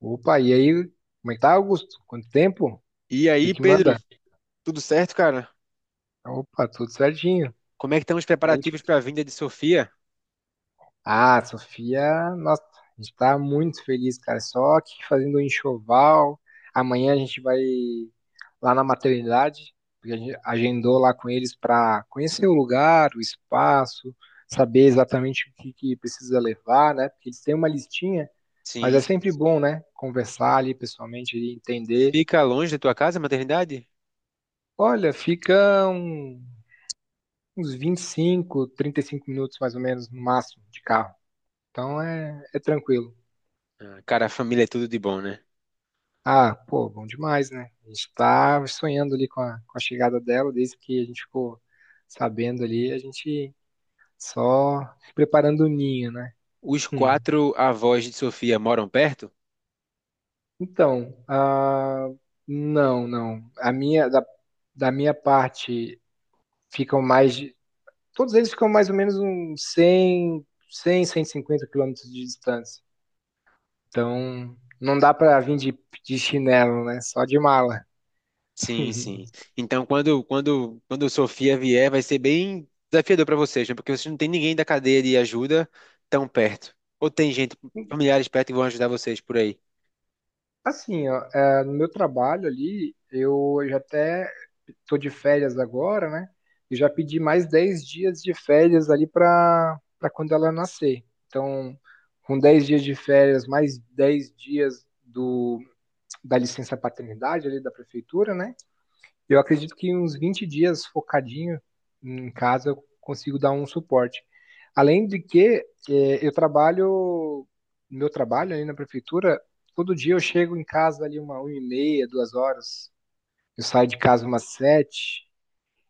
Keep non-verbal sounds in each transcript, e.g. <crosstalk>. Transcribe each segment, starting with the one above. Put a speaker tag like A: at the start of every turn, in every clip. A: Opa, e aí? Como é que tá, Augusto? Quanto tempo? O
B: E
A: que
B: aí,
A: que
B: Pedro,
A: manda?
B: tudo certo, cara?
A: Opa, tudo certinho.
B: Como é que estão os
A: Nem te-
B: preparativos para a vinda de Sofia?
A: Ah, Sofia, nossa, a gente tá muito feliz, cara. Só que fazendo um enxoval. Amanhã a gente vai lá na maternidade, porque a gente agendou lá com eles para conhecer o lugar, o espaço, saber exatamente o que que precisa levar, né? Porque eles têm uma listinha, mas é
B: Sim.
A: sempre bom, né? Conversar ali pessoalmente e entender.
B: Fica longe da tua casa, a maternidade?
A: Olha, ficam uns vinte e cinco, trinta e cinco minutos mais ou menos, no máximo, de carro. Então é tranquilo.
B: Ah, cara, a família é tudo de bom, né?
A: Ah, pô, bom demais, né? A gente tá sonhando ali com a chegada dela, desde que a gente ficou sabendo ali, a gente só preparando o ninho, né?
B: Os
A: Hum.
B: quatro avós de Sofia moram perto?
A: Então, ah, não, não. Da minha parte, ficam mais de. Todos eles ficam mais ou menos uns 100, e cinquenta quilômetros de distância. Então, não dá pra vir de chinelo, né? Só de mala.
B: Sim, sim. Então, quando Sofia vier, vai ser bem desafiador para vocês, né? Porque vocês não têm ninguém da cadeia de ajuda tão perto. Ou tem gente, familiares perto que vão ajudar vocês por aí.
A: Assim, ó, é, no meu trabalho ali, eu já até tô de férias agora, né? E já pedi mais 10 dias de férias ali para quando ela nascer. Então, com 10 dias de férias, mais 10 dias do, da licença paternidade ali da prefeitura, né? Eu acredito que uns 20 dias focadinho em casa eu consigo dar um suporte. Além de que eu trabalho, meu trabalho ali na prefeitura, todo dia eu chego em casa ali uma e meia, duas horas. Eu saio de casa umas sete.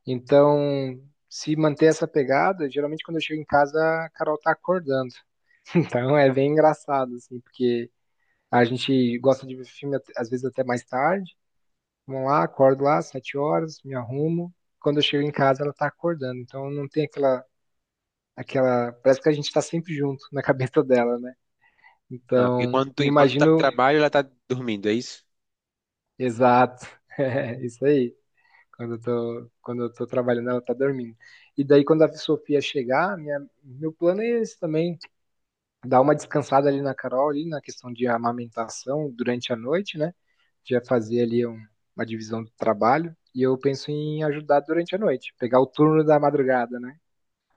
A: Então, se manter essa pegada, geralmente quando eu chego em casa, a Carol tá acordando. <laughs> Então é bem engraçado, assim, porque a gente gosta de ver filme às vezes até mais tarde. Vamos lá, acordo lá, sete horas, me arrumo. Quando eu chego em casa, ela tá acordando. Então não tem aquela. Parece que a gente tá sempre junto na <laughs> cabeça dela, né?
B: Ah, porque
A: Então,
B: quando tu,
A: eu
B: enquanto tá no
A: imagino.
B: trabalho, ela tá dormindo, é isso?
A: Exato. <laughs> É isso aí. Quando eu tô trabalhando, ela tá dormindo. E daí, quando a Sofia chegar, minha, meu plano é esse também. Dar uma descansada ali na Carol, ali na questão de amamentação durante a noite, né? Já fazer ali uma divisão do trabalho. E eu penso em ajudar durante a noite, pegar o turno da madrugada, né?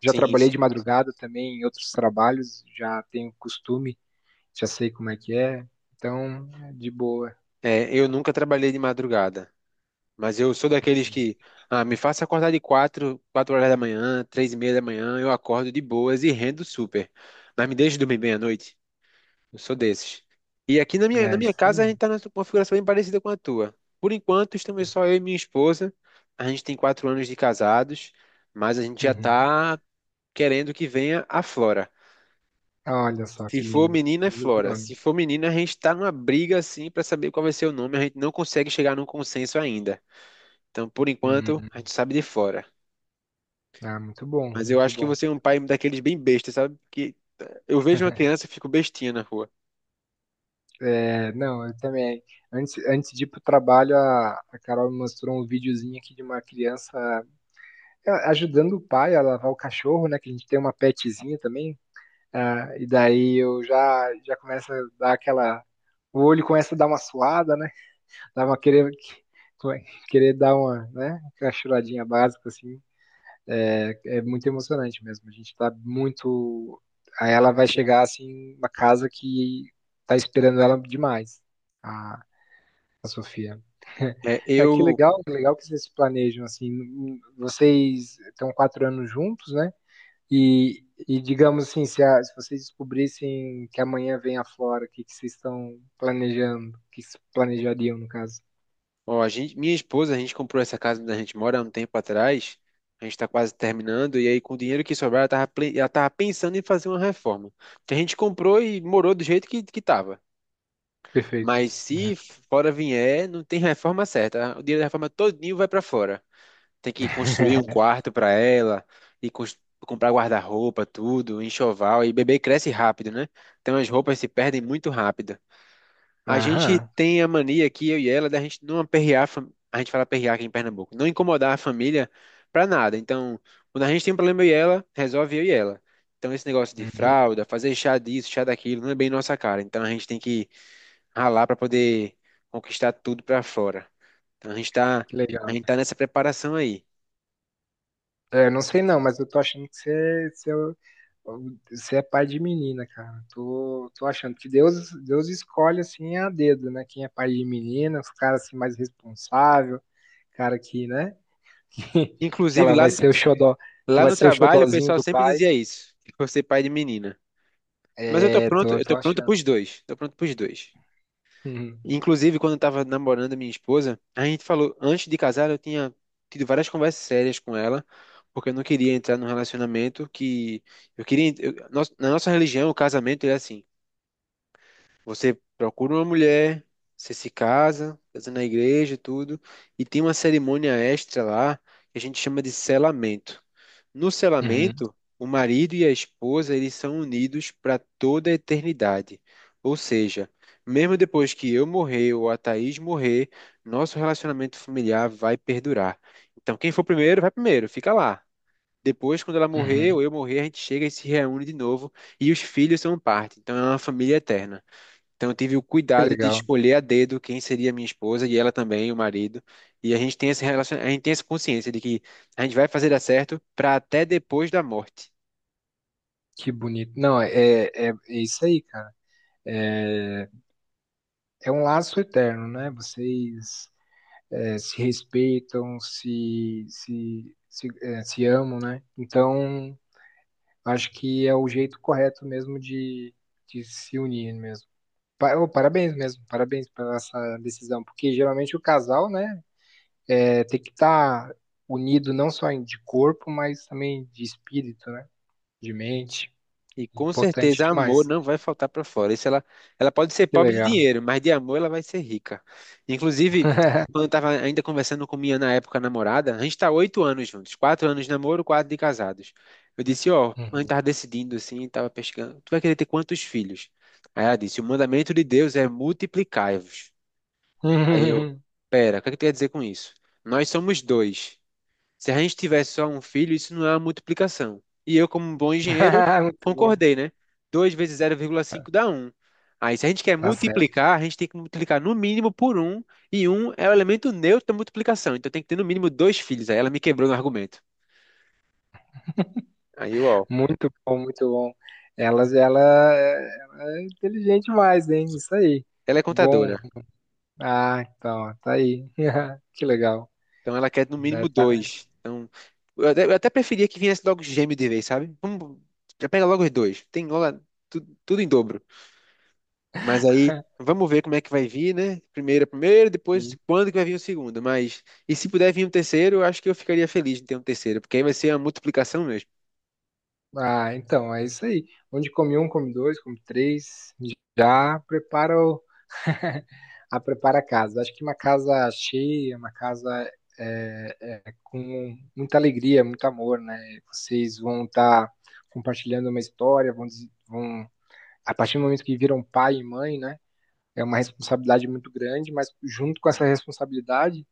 A: Já
B: Sim,
A: trabalhei de
B: sim.
A: madrugada também em outros trabalhos, já tenho costume, já sei como é que é. Então, é de boa.
B: É, eu nunca trabalhei de madrugada. Mas eu sou daqueles que, ah, me faça acordar de 4 horas da manhã, 3:30 da manhã, eu acordo de boas e rendo super. Mas me deixe dormir bem à noite. Eu sou desses. E aqui na minha, na
A: É
B: minha
A: isso
B: casa a
A: aí.
B: gente está numa configuração bem parecida com a tua. Por enquanto, estamos só eu e minha esposa. A gente tem 4 anos de casados, mas a gente já
A: Uhum.
B: está querendo que venha a Flora.
A: Olha só
B: Se
A: que
B: for
A: lindo.
B: menina, é
A: Lindo
B: Flora.
A: nome.
B: Se for menina, a gente está numa briga assim para saber qual vai ser o nome. A gente não consegue chegar num consenso ainda. Então, por enquanto,
A: Hum,
B: a gente sabe de fora.
A: ah, muito bom,
B: Mas eu
A: muito
B: acho que
A: bom.
B: você é um pai daqueles bem besta, sabe? Que eu vejo uma criança e fico bestinha na rua.
A: É, não, eu também. Antes, antes de ir pro trabalho, a Carol me mostrou um videozinho aqui de uma criança ajudando o pai a lavar o cachorro, né? Que a gente tem uma petzinha também. Ah, e daí eu já começo a dar aquela. O olho começa a dar uma suada, né? Dá uma querer, querer dar uma, né? Aquela choradinha básica, assim. É muito emocionante mesmo. A gente tá muito. Aí ela vai chegar, assim, uma casa que tá esperando ela demais. A, Sofia. <laughs>
B: Né?
A: Ah, que legal, que legal que vocês se planejam assim. Vocês estão quatro anos juntos, né? E digamos assim, se vocês descobrissem que amanhã vem a Flora, o que vocês estão planejando? O que que vocês planejariam, no caso?
B: Ó, a gente, minha esposa, a gente comprou essa casa onde a gente mora há um tempo atrás. A gente tá quase terminando e aí com o dinheiro que sobrar, ela tava pensando em fazer uma reforma. Que a gente comprou e morou do jeito que tava.
A: Perfeito.
B: Mas
A: Uhum.
B: se fora vier, não tem reforma certa. O dinheiro da reforma todinho vai para fora. Tem que construir um
A: <laughs>
B: quarto para ela e comprar guarda-roupa, tudo, enxoval. E bebê cresce rápido, né? Então as roupas se perdem muito rápido. A gente
A: Aham.
B: tem a mania aqui, eu e ela, da gente não aperrear, a gente fala aperrear aqui em Pernambuco, não incomodar a família para nada. Então, quando a gente tem um problema eu e ela, resolve eu e ela. Então, esse negócio de
A: Uhum.
B: fralda, fazer chá disso, chá daquilo, não é bem nossa cara. Então, a gente tem que ralar para poder conquistar tudo para fora. Então, a gente tá,
A: Que
B: a
A: legal.
B: gente tá nessa preparação aí.
A: É, não sei não, mas eu tô achando que você, você é pai de menina, cara. Tô achando que Deus escolhe assim a dedo, né? Quem é pai de menina, os caras assim mais responsável, cara que, né? <laughs> Que
B: Inclusive,
A: ela
B: lá
A: vai ser o xodó, que
B: Lá
A: vai
B: no
A: ser o
B: trabalho, o
A: xodózinho
B: pessoal
A: do
B: sempre
A: pai.
B: dizia isso, que eu vou ser pai de menina. Mas
A: É, tô,
B: eu
A: tô
B: tô pronto
A: achando.
B: pros dois. Tô pronto pros dois.
A: Uhum,
B: Inclusive, quando eu tava namorando a minha esposa, a gente falou, antes de casar, eu tinha tido várias conversas sérias com ela, porque eu não queria entrar num relacionamento que eu queria, eu- nós- na nossa religião, o casamento é assim, você procura uma mulher, você se casa, casa na igreja, e tudo, e tem uma cerimônia extra lá, que a gente chama de selamento. No
A: uhum,
B: selamento, o marido e a esposa eles são unidos para toda a eternidade. Ou seja, mesmo depois que eu morrer ou a Thaís morrer, nosso relacionamento familiar vai perdurar. Então, quem for primeiro, vai primeiro, fica lá. Depois, quando ela
A: uhum.
B: morrer ou eu morrer, a gente chega e se reúne de novo e os filhos são parte. Então, é uma família eterna. Então, eu tive o
A: Que
B: cuidado de
A: legal,
B: escolher a dedo quem seria minha esposa e ela também, o marido. E a gente tem a gente tem essa consciência de que a gente vai fazer dar certo para até depois da morte.
A: que bonito. Não, é isso aí, cara. É, é um laço eterno, né? Vocês é, se respeitam, se amam, né? Então acho que é o jeito correto mesmo de se unir mesmo. Ô, parabéns mesmo, parabéns pela essa decisão, porque geralmente o casal, né, é, tem que estar unido não só de corpo, mas também de espírito, né, de mente.
B: E com
A: Importante
B: certeza amor
A: demais.
B: não vai faltar para fora. Isso ela pode ser
A: Que
B: pobre de
A: legal.
B: dinheiro, mas de amor ela vai ser rica. Inclusive, quando eu estava ainda conversando com minha na época namorada, a gente está 8 anos juntos, 4 anos de namoro, quatro de casados. Eu disse, ó, a gente
A: Uhum.
B: estava decidindo assim, estava pescando, tu vai querer ter quantos filhos? Aí ela disse, o mandamento de Deus é multiplicai-vos. Aí eu,
A: <laughs>
B: pera, o que é que tu quer dizer com isso? Nós somos dois. Se a gente tivesse só um filho, isso não é uma multiplicação. E eu, como um bom engenheiro,
A: Muito bom,
B: concordei, né? 2 vezes 0,5 dá um. Aí, se a gente quer
A: tá certo.
B: multiplicar, a gente tem que multiplicar no mínimo por um e um é o elemento neutro da multiplicação. Então, tem que ter no mínimo dois filhos. Aí, ela me quebrou no argumento. Aí, ó,
A: Muito bom, muito bom. Ela é inteligente mais, hein? Isso aí.
B: ela é
A: Bom.
B: contadora,
A: Ah, então, tá aí. <laughs> Que legal,
B: então ela quer no
A: né?
B: mínimo
A: Tá
B: dois. Então, eu até preferia que viesse logo gêmeo de vez, sabe? Vamos, já pega logo os dois. Tem logo tudo em dobro. Mas aí, vamos ver como é que vai vir, né? Primeiro, é primeiro, depois
A: aí.
B: quando que vai vir o segundo. Mas, e se puder vir um terceiro, eu acho que eu ficaria feliz de ter um terceiro, porque aí vai ser uma multiplicação mesmo.
A: Ah, então, é isso aí. Onde come um, come dois, come três, já prepara o, <laughs> a prepara a casa. Acho que uma casa cheia, uma casa é, com muita alegria, muito amor, né? Vocês vão estar compartilhando uma história, vão, a partir do momento que viram pai e mãe, né? É uma responsabilidade muito grande, mas junto com essa responsabilidade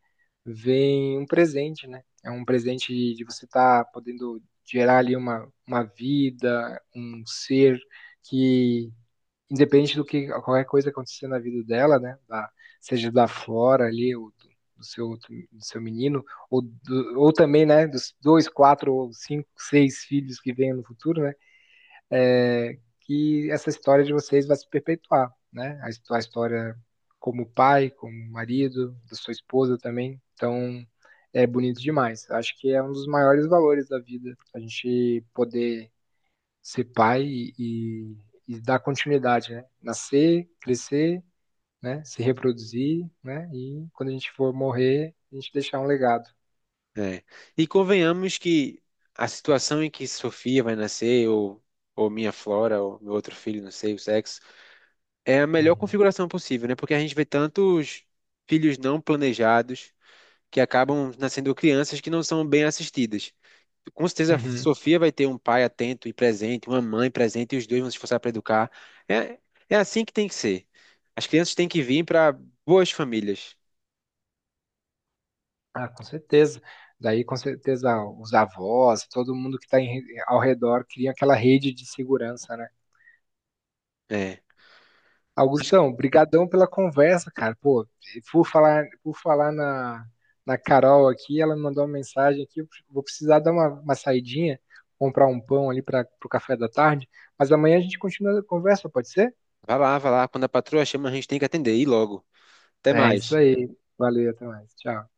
A: vem um presente, né? É um presente de você estar podendo gerar ali uma vida, um ser que, independente do que qualquer coisa acontecer na vida dela, né? Seja da Flora ali, ou do, do seu, do seu menino, ou também, né? Dos dois, quatro, ou cinco, seis filhos que venham no futuro, né? É, que essa história de vocês vai se perpetuar, né? A história como pai, como marido, da sua esposa também. Então, é bonito demais. Acho que é um dos maiores valores da vida, a gente poder ser pai e, e dar continuidade, né? Nascer, crescer, né? Se reproduzir, né? E quando a gente for morrer, a gente deixar um legado.
B: É. E convenhamos que a situação em que Sofia vai nascer, ou, minha Flora, ou meu outro filho, não sei o sexo, é a melhor
A: Uhum.
B: configuração possível, né? Porque a gente vê tantos filhos não planejados que acabam nascendo crianças que não são bem assistidas. Com certeza, a
A: Uhum.
B: Sofia vai ter um pai atento e presente, uma mãe presente, e os dois vão se esforçar para educar. É, é assim que tem que ser. As crianças têm que vir para boas famílias.
A: Ah, com certeza. Daí, com certeza, os avós, todo mundo que está ao redor cria aquela rede de segurança, né?
B: É. Mas
A: Augustão, brigadão pela conversa, cara. Pô, por falar na Carol aqui, ela me mandou uma mensagem aqui, eu vou precisar dar uma saidinha, comprar um pão ali para o café da tarde, mas amanhã a gente continua a conversa, pode ser?
B: vá lá, vá lá. Quando a patroa chama, a gente tem que atender. E logo. Até
A: É isso
B: mais.
A: aí. Valeu, até mais. Tchau.